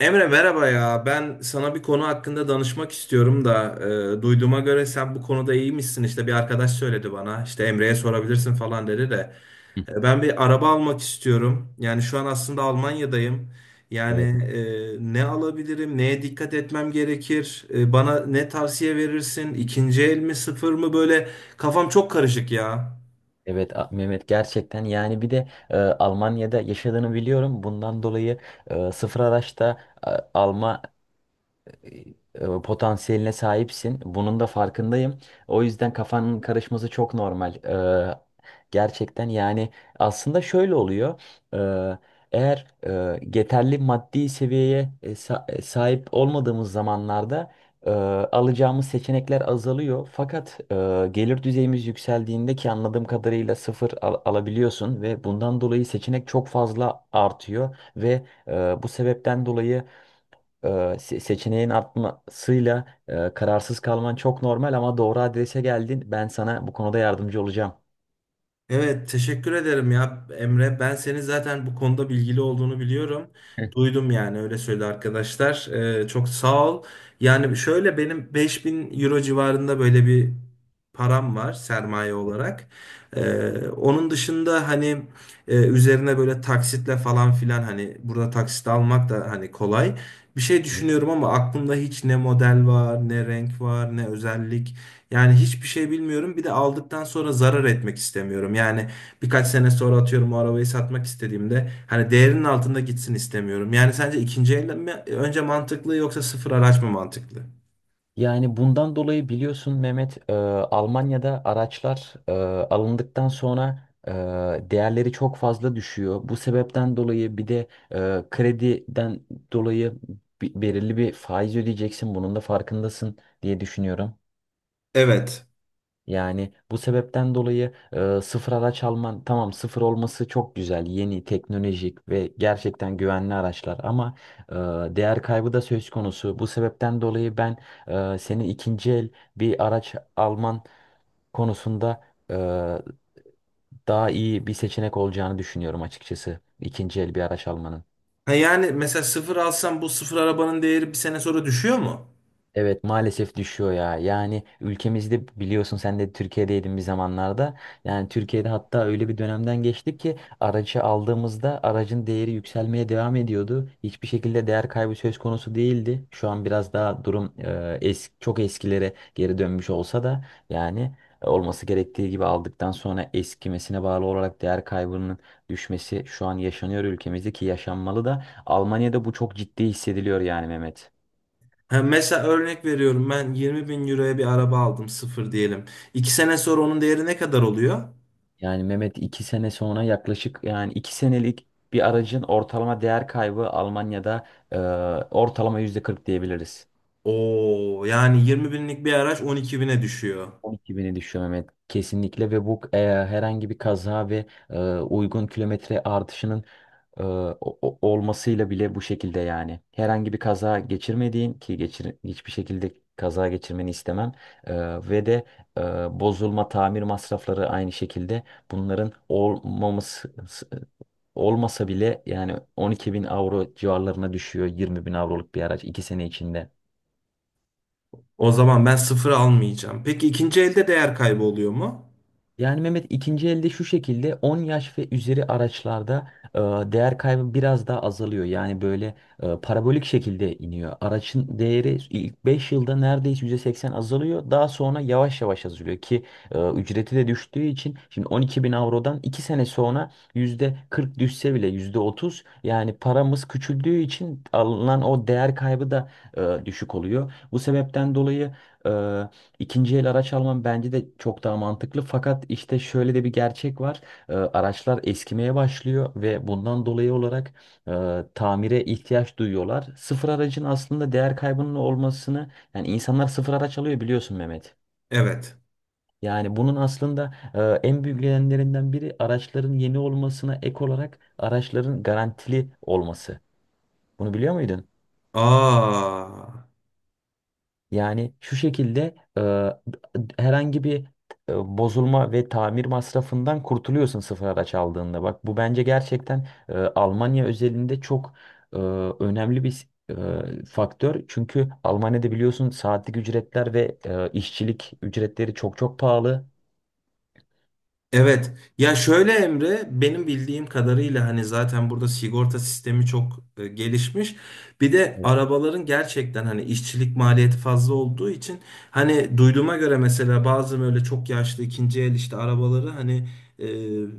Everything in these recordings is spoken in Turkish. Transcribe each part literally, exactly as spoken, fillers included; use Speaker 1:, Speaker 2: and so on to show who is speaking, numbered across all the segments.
Speaker 1: Emre merhaba ya. Ben sana bir konu hakkında danışmak istiyorum da e, duyduğuma göre sen bu konuda iyiymişsin. İşte bir arkadaş söyledi bana. İşte Emre'ye sorabilirsin falan dedi de.
Speaker 2: Hı.
Speaker 1: E, ben bir araba almak istiyorum. Yani şu an aslında Almanya'dayım. Yani
Speaker 2: Evet,
Speaker 1: e, ne alabilirim? Neye dikkat etmem gerekir? E, bana ne tavsiye verirsin? İkinci el mi, sıfır mı? Böyle kafam çok karışık ya.
Speaker 2: evet A- Mehmet, gerçekten yani bir de e, Almanya'da yaşadığını biliyorum. Bundan dolayı e, sıfır araçta e, alma e, potansiyeline sahipsin. Bunun da farkındayım. O yüzden kafanın karışması çok normal. Ee, gerçekten yani aslında şöyle oluyor. Ee, eğer e, yeterli maddi seviyeye e, sa- e, sahip olmadığımız zamanlarda e, alacağımız seçenekler azalıyor. Fakat e, gelir düzeyimiz yükseldiğinde, ki anladığım kadarıyla sıfır al- alabiliyorsun ve bundan dolayı seçenek çok fazla artıyor ve e, bu sebepten dolayı e, se- seçeneğin artmasıyla e, kararsız kalman çok normal, ama doğru adrese geldin. Ben sana bu konuda yardımcı olacağım.
Speaker 1: Evet, teşekkür ederim ya Emre. Ben senin zaten bu konuda bilgili olduğunu biliyorum.
Speaker 2: Evet.
Speaker 1: Duydum yani öyle söyledi arkadaşlar. Ee, çok sağ ol. Yani şöyle benim beş bin euro civarında böyle bir param var sermaye olarak. Ee, onun dışında hani e, üzerine böyle taksitle falan filan hani burada taksit almak da hani kolay. Bir şey
Speaker 2: Evet.
Speaker 1: düşünüyorum ama aklımda hiç ne model var, ne renk var, ne özellik. Yani hiçbir şey bilmiyorum. Bir de aldıktan sonra zarar etmek istemiyorum. Yani birkaç sene sonra atıyorum o arabayı satmak istediğimde hani değerinin altında gitsin istemiyorum. Yani sence ikinci el mi önce mantıklı yoksa sıfır araç mı mantıklı?
Speaker 2: Yani bundan dolayı biliyorsun Mehmet, e, Almanya'da araçlar e, alındıktan sonra e, değerleri çok fazla düşüyor. Bu sebepten dolayı bir de e, krediden dolayı bi- belirli bir faiz ödeyeceksin. Bunun da farkındasın diye düşünüyorum.
Speaker 1: Evet.
Speaker 2: Yani bu sebepten dolayı e, sıfır araç alman, tamam, sıfır olması çok güzel, yeni teknolojik ve gerçekten güvenli araçlar, ama e, değer kaybı da söz konusu. Bu sebepten dolayı ben e, senin ikinci el bir araç alman konusunda e, daha iyi bir seçenek olacağını düşünüyorum açıkçası, ikinci el bir araç almanın.
Speaker 1: Ha yani mesela sıfır alsam bu sıfır arabanın değeri bir sene sonra düşüyor mu?
Speaker 2: Evet, maalesef düşüyor ya. Yani ülkemizde, biliyorsun, sen de Türkiye'deydin bir zamanlarda. Yani Türkiye'de hatta öyle bir dönemden geçtik ki aracı aldığımızda aracın değeri yükselmeye devam ediyordu. Hiçbir şekilde değer kaybı söz konusu değildi. Şu an biraz daha durum e, es- çok eskilere geri dönmüş olsa da, yani olması gerektiği gibi, aldıktan sonra eskimesine bağlı olarak değer kaybının düşmesi şu an yaşanıyor ülkemizde, ki yaşanmalı da. Almanya'da bu çok ciddi hissediliyor yani Mehmet.
Speaker 1: Ha mesela örnek veriyorum ben yirmi bin euroya bir araba aldım sıfır diyelim. İki sene sonra onun değeri ne kadar oluyor?
Speaker 2: Yani Mehmet, iki sene sonra yaklaşık, yani iki senelik bir aracın ortalama değer kaybı Almanya'da e, ortalama yüzde kırk diyebiliriz.
Speaker 1: Oo yani yirmi binlik bir araç on iki bine düşüyor.
Speaker 2: on iki bini düşüyor Mehmet kesinlikle, ve bu e, herhangi bir kaza ve e, uygun kilometre artışının e, o- o- olmasıyla bile bu şekilde yani. Herhangi bir kaza geçirmediğin, ki geçir, hiçbir şekilde kaza geçirmeni istemem, E, ve de e, bozulma tamir masrafları aynı şekilde, bunların olmaması, olmasa bile, yani on iki bin avro civarlarına düşüyor yirmi bin avroluk bir araç iki sene içinde.
Speaker 1: O zaman ben sıfır almayacağım. Peki ikinci elde değer kaybı oluyor mu?
Speaker 2: Yani Mehmet, ikinci elde şu şekilde, on yaş ve üzeri araçlarda e, değer kaybı biraz daha azalıyor. Yani böyle e, parabolik şekilde iniyor. Araçın değeri ilk beş yılda neredeyse yüzde seksen azalıyor. Daha sonra yavaş yavaş azalıyor, ki e, ücreti de düştüğü için, şimdi on iki bin avrodan iki sene sonra yüzde kırk düşse bile, yüzde otuz, yani paramız küçüldüğü için alınan o değer kaybı da e, düşük oluyor. Bu sebepten dolayı e, İkinci el araç alman bence de çok daha mantıklı. Fakat işte şöyle de bir gerçek var. Ee, araçlar eskimeye başlıyor ve bundan dolayı olarak e, tamire ihtiyaç duyuyorlar. Sıfır aracın aslında değer kaybının olmasını, yani insanlar sıfır araç alıyor biliyorsun Mehmet.
Speaker 1: Evet.
Speaker 2: Yani bunun aslında e, en büyük nedenlerinden biri, araçların yeni olmasına ek olarak araçların garantili olması. Bunu biliyor muydun?
Speaker 1: Aa.
Speaker 2: Yani şu şekilde e, herhangi bir e, bozulma ve tamir masrafından kurtuluyorsun sıfır araç aldığında. Bak, bu bence gerçekten e, Almanya özelinde çok e, önemli bir e, faktör. Çünkü Almanya'da biliyorsun, saatlik ücretler ve e, işçilik ücretleri çok çok pahalı.
Speaker 1: Evet. Ya şöyle Emre, benim bildiğim kadarıyla hani zaten burada sigorta sistemi çok e, gelişmiş. Bir de arabaların gerçekten hani işçilik maliyeti fazla olduğu için hani duyduğuma göre mesela bazı böyle çok yaşlı ikinci el işte arabaları hani e,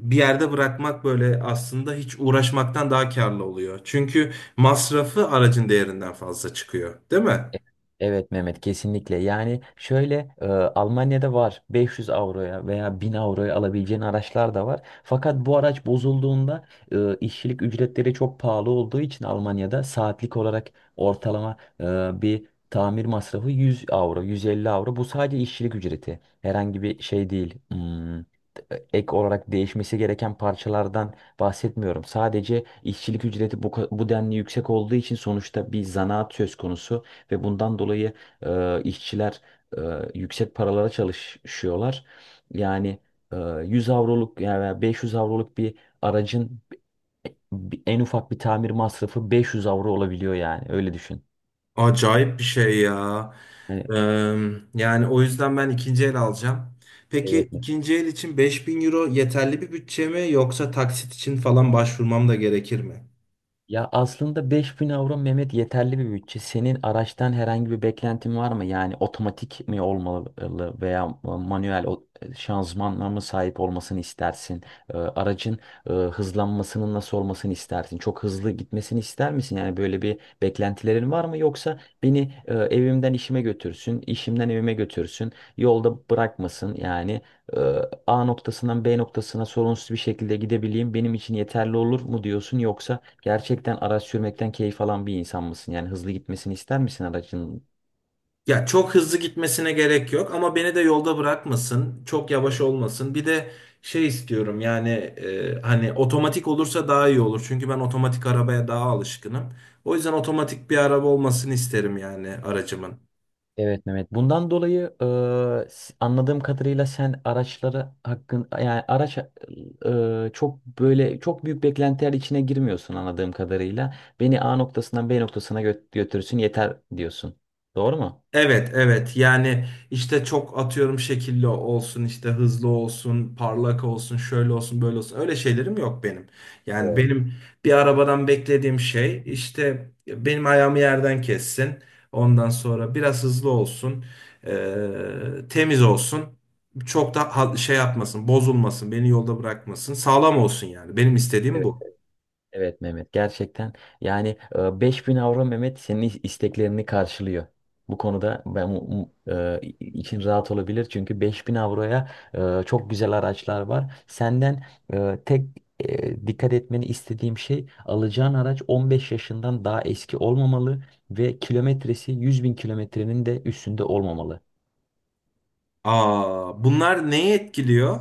Speaker 1: bir yerde bırakmak böyle aslında hiç uğraşmaktan daha karlı oluyor. Çünkü masrafı aracın değerinden fazla çıkıyor, değil mi?
Speaker 2: E- Evet Mehmet, kesinlikle. Yani şöyle, e, Almanya'da var beş yüz avroya veya bin avroya alabileceğin araçlar da var. Fakat bu araç bozulduğunda, e, işçilik ücretleri çok pahalı olduğu için Almanya'da saatlik olarak ortalama e, bir tamir masrafı yüz avro, yüz elli avro. Bu sadece işçilik ücreti. Herhangi bir şey değil. Hmm, e, ek olarak değişmesi gereken parçalardan bahsetmiyorum. Sadece işçilik ücreti bu, ka- bu denli yüksek olduğu için, sonuçta bir zanaat söz konusu ve bundan dolayı e, işçiler e, yüksek paralara çalışıyorlar. Yani e, yüz avroluk, yani beş yüz avroluk bir aracın en ufak bir tamir masrafı beş yüz avro olabiliyor, yani öyle düşün.
Speaker 1: Acayip bir şey ya. Ee,
Speaker 2: Hani.
Speaker 1: yani o yüzden ben ikinci el alacağım. Peki
Speaker 2: Evet.
Speaker 1: ikinci el için beş bin euro yeterli bir bütçe mi yoksa taksit için falan başvurmam da gerekir mi?
Speaker 2: Ya, aslında beş bin avro Mehmet yeterli bir bütçe. Senin araçtan herhangi bir beklentin var mı? Yani otomatik mi olmalı veya manuel o- e, şanzımanla mı sahip olmasını istersin? Ee, Aracın e, hızlanmasının nasıl olmasını istersin? Çok hızlı gitmesini ister misin? Yani böyle bir beklentilerin var mı? Yoksa beni e, evimden işime götürsün, işimden evime götürsün, yolda bırakmasın. Yani e, A noktasından B noktasına sorunsuz bir şekilde gidebileyim benim için yeterli olur mu diyorsun? Yoksa gerçekten araç sürmekten keyif alan bir insan mısın? Yani hızlı gitmesini ister misin aracın?
Speaker 1: Ya çok hızlı gitmesine gerek yok ama beni de yolda bırakmasın, çok yavaş olmasın. Bir de şey istiyorum yani e, hani otomatik olursa daha iyi olur. Çünkü ben otomatik arabaya daha alışkınım. O yüzden otomatik bir araba olmasını isterim yani aracımın.
Speaker 2: Evet Mehmet. Bundan dolayı e, s- anladığım kadarıyla sen araçları hakkın, yani araç e, çok böyle çok büyük beklentiler içine girmiyorsun anladığım kadarıyla. Beni A noktasından B noktasına gö- götürsün yeter diyorsun. Doğru mu?
Speaker 1: Evet, evet. Yani işte çok atıyorum şekilli olsun, işte hızlı olsun, parlak olsun, şöyle olsun, böyle olsun. Öyle şeylerim yok benim. Yani
Speaker 2: Doğru.
Speaker 1: benim bir arabadan beklediğim şey işte benim ayağımı yerden kessin. Ondan sonra biraz hızlı olsun, eee, temiz olsun. Çok da ha- şey yapmasın, bozulmasın, beni yolda bırakmasın. Sağlam olsun yani. Benim istediğim bu.
Speaker 2: Evet Mehmet, gerçekten yani e, beş bin avro Mehmet senin is- isteklerini karşılıyor. Bu konuda ben mu- mu- e, için rahat olabilir, çünkü beş bin avroya e, çok güzel araçlar var. Senden e, tek e, dikkat etmeni istediğim şey, alacağın araç on beş yaşından daha eski olmamalı ve kilometresi yüz bin kilometrenin de üstünde olmamalı.
Speaker 1: Aa, bunlar neyi etkiliyor?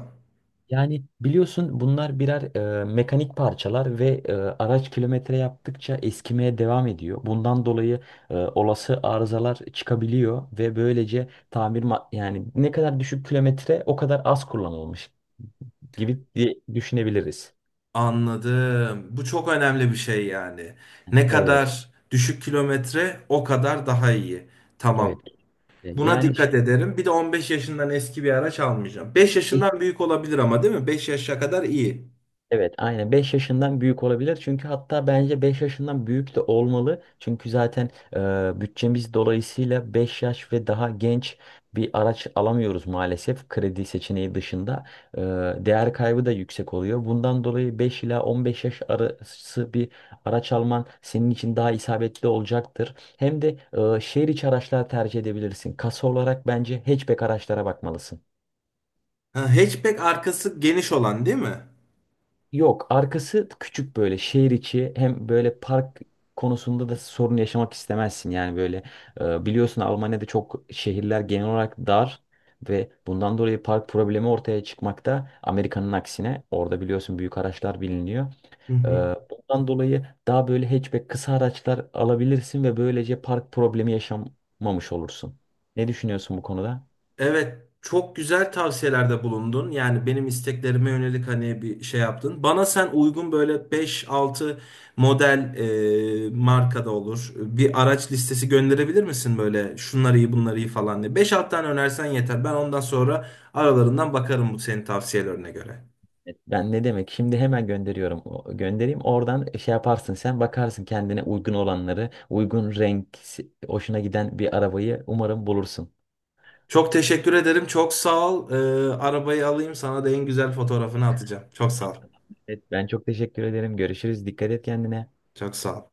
Speaker 2: Yani biliyorsun, bunlar birer e, mekanik parçalar ve e, araç kilometre yaptıkça eskimeye devam ediyor. Bundan dolayı e, olası arızalar çıkabiliyor ve böylece tamir ma- yani ne kadar düşük kilometre o kadar az kullanılmış gibi diye düşünebiliriz.
Speaker 1: Anladım. Bu çok önemli bir şey yani.
Speaker 2: Yani
Speaker 1: Ne
Speaker 2: evet,
Speaker 1: kadar düşük kilometre o kadar daha iyi. Tamam.
Speaker 2: evet. E,
Speaker 1: Buna
Speaker 2: Yani şu-
Speaker 1: dikkat ederim. Bir de on beş yaşından eski bir araç almayacağım. beş yaşından büyük olabilir ama değil mi? beş yaşa kadar iyi.
Speaker 2: Evet, aynen, beş yaşından büyük olabilir. Çünkü hatta bence beş yaşından büyük de olmalı. Çünkü zaten e, bütçemiz dolayısıyla beş yaş ve daha genç bir araç alamıyoruz maalesef, kredi seçeneği dışında. E, değer kaybı da yüksek oluyor. Bundan dolayı beş ila on beş yaş arası bir araç alman senin için daha isabetli olacaktır. Hem de e, şehir içi araçlar tercih edebilirsin. Kasa olarak bence hatchback araçlara bakmalısın.
Speaker 1: Ha, hatchback arkası geniş olan değil mi?
Speaker 2: Yok, arkası küçük, böyle şehir içi, hem böyle park konusunda da sorun yaşamak istemezsin. Yani böyle e, biliyorsun Almanya'da çok, şehirler genel olarak dar ve bundan dolayı park problemi ortaya çıkmakta. Amerika'nın aksine, orada biliyorsun büyük araçlar biliniyor.
Speaker 1: Hı
Speaker 2: E,
Speaker 1: hı.
Speaker 2: Bundan dolayı daha böyle hatchback kısa araçlar alabilirsin ve böylece park problemi yaşamamış olursun. Ne düşünüyorsun bu konuda?
Speaker 1: Evet, çok güzel tavsiyelerde bulundun. Yani benim isteklerime yönelik hani bir şey yaptın. Bana sen uygun böyle beş altı model e, markada olur. Bir araç listesi gönderebilir misin böyle şunları iyi bunları iyi falan diye. Beş altı tane önersen yeter. Ben ondan sonra aralarından bakarım bu senin tavsiyelerine göre.
Speaker 2: Ben ne demek? Şimdi hemen gönderiyorum. O- Göndereyim. Oradan şey yaparsın, sen bakarsın kendine uygun olanları, uygun renk, si, hoşuna giden bir arabayı umarım bulursun.
Speaker 1: Çok teşekkür ederim. Çok sağ ol. E, arabayı alayım sana da en güzel fotoğrafını atacağım. Çok sağ
Speaker 2: Tamam,
Speaker 1: ol.
Speaker 2: tamam. Evet, ben çok teşekkür ederim. Görüşürüz. Dikkat et kendine.
Speaker 1: Çok sağ ol.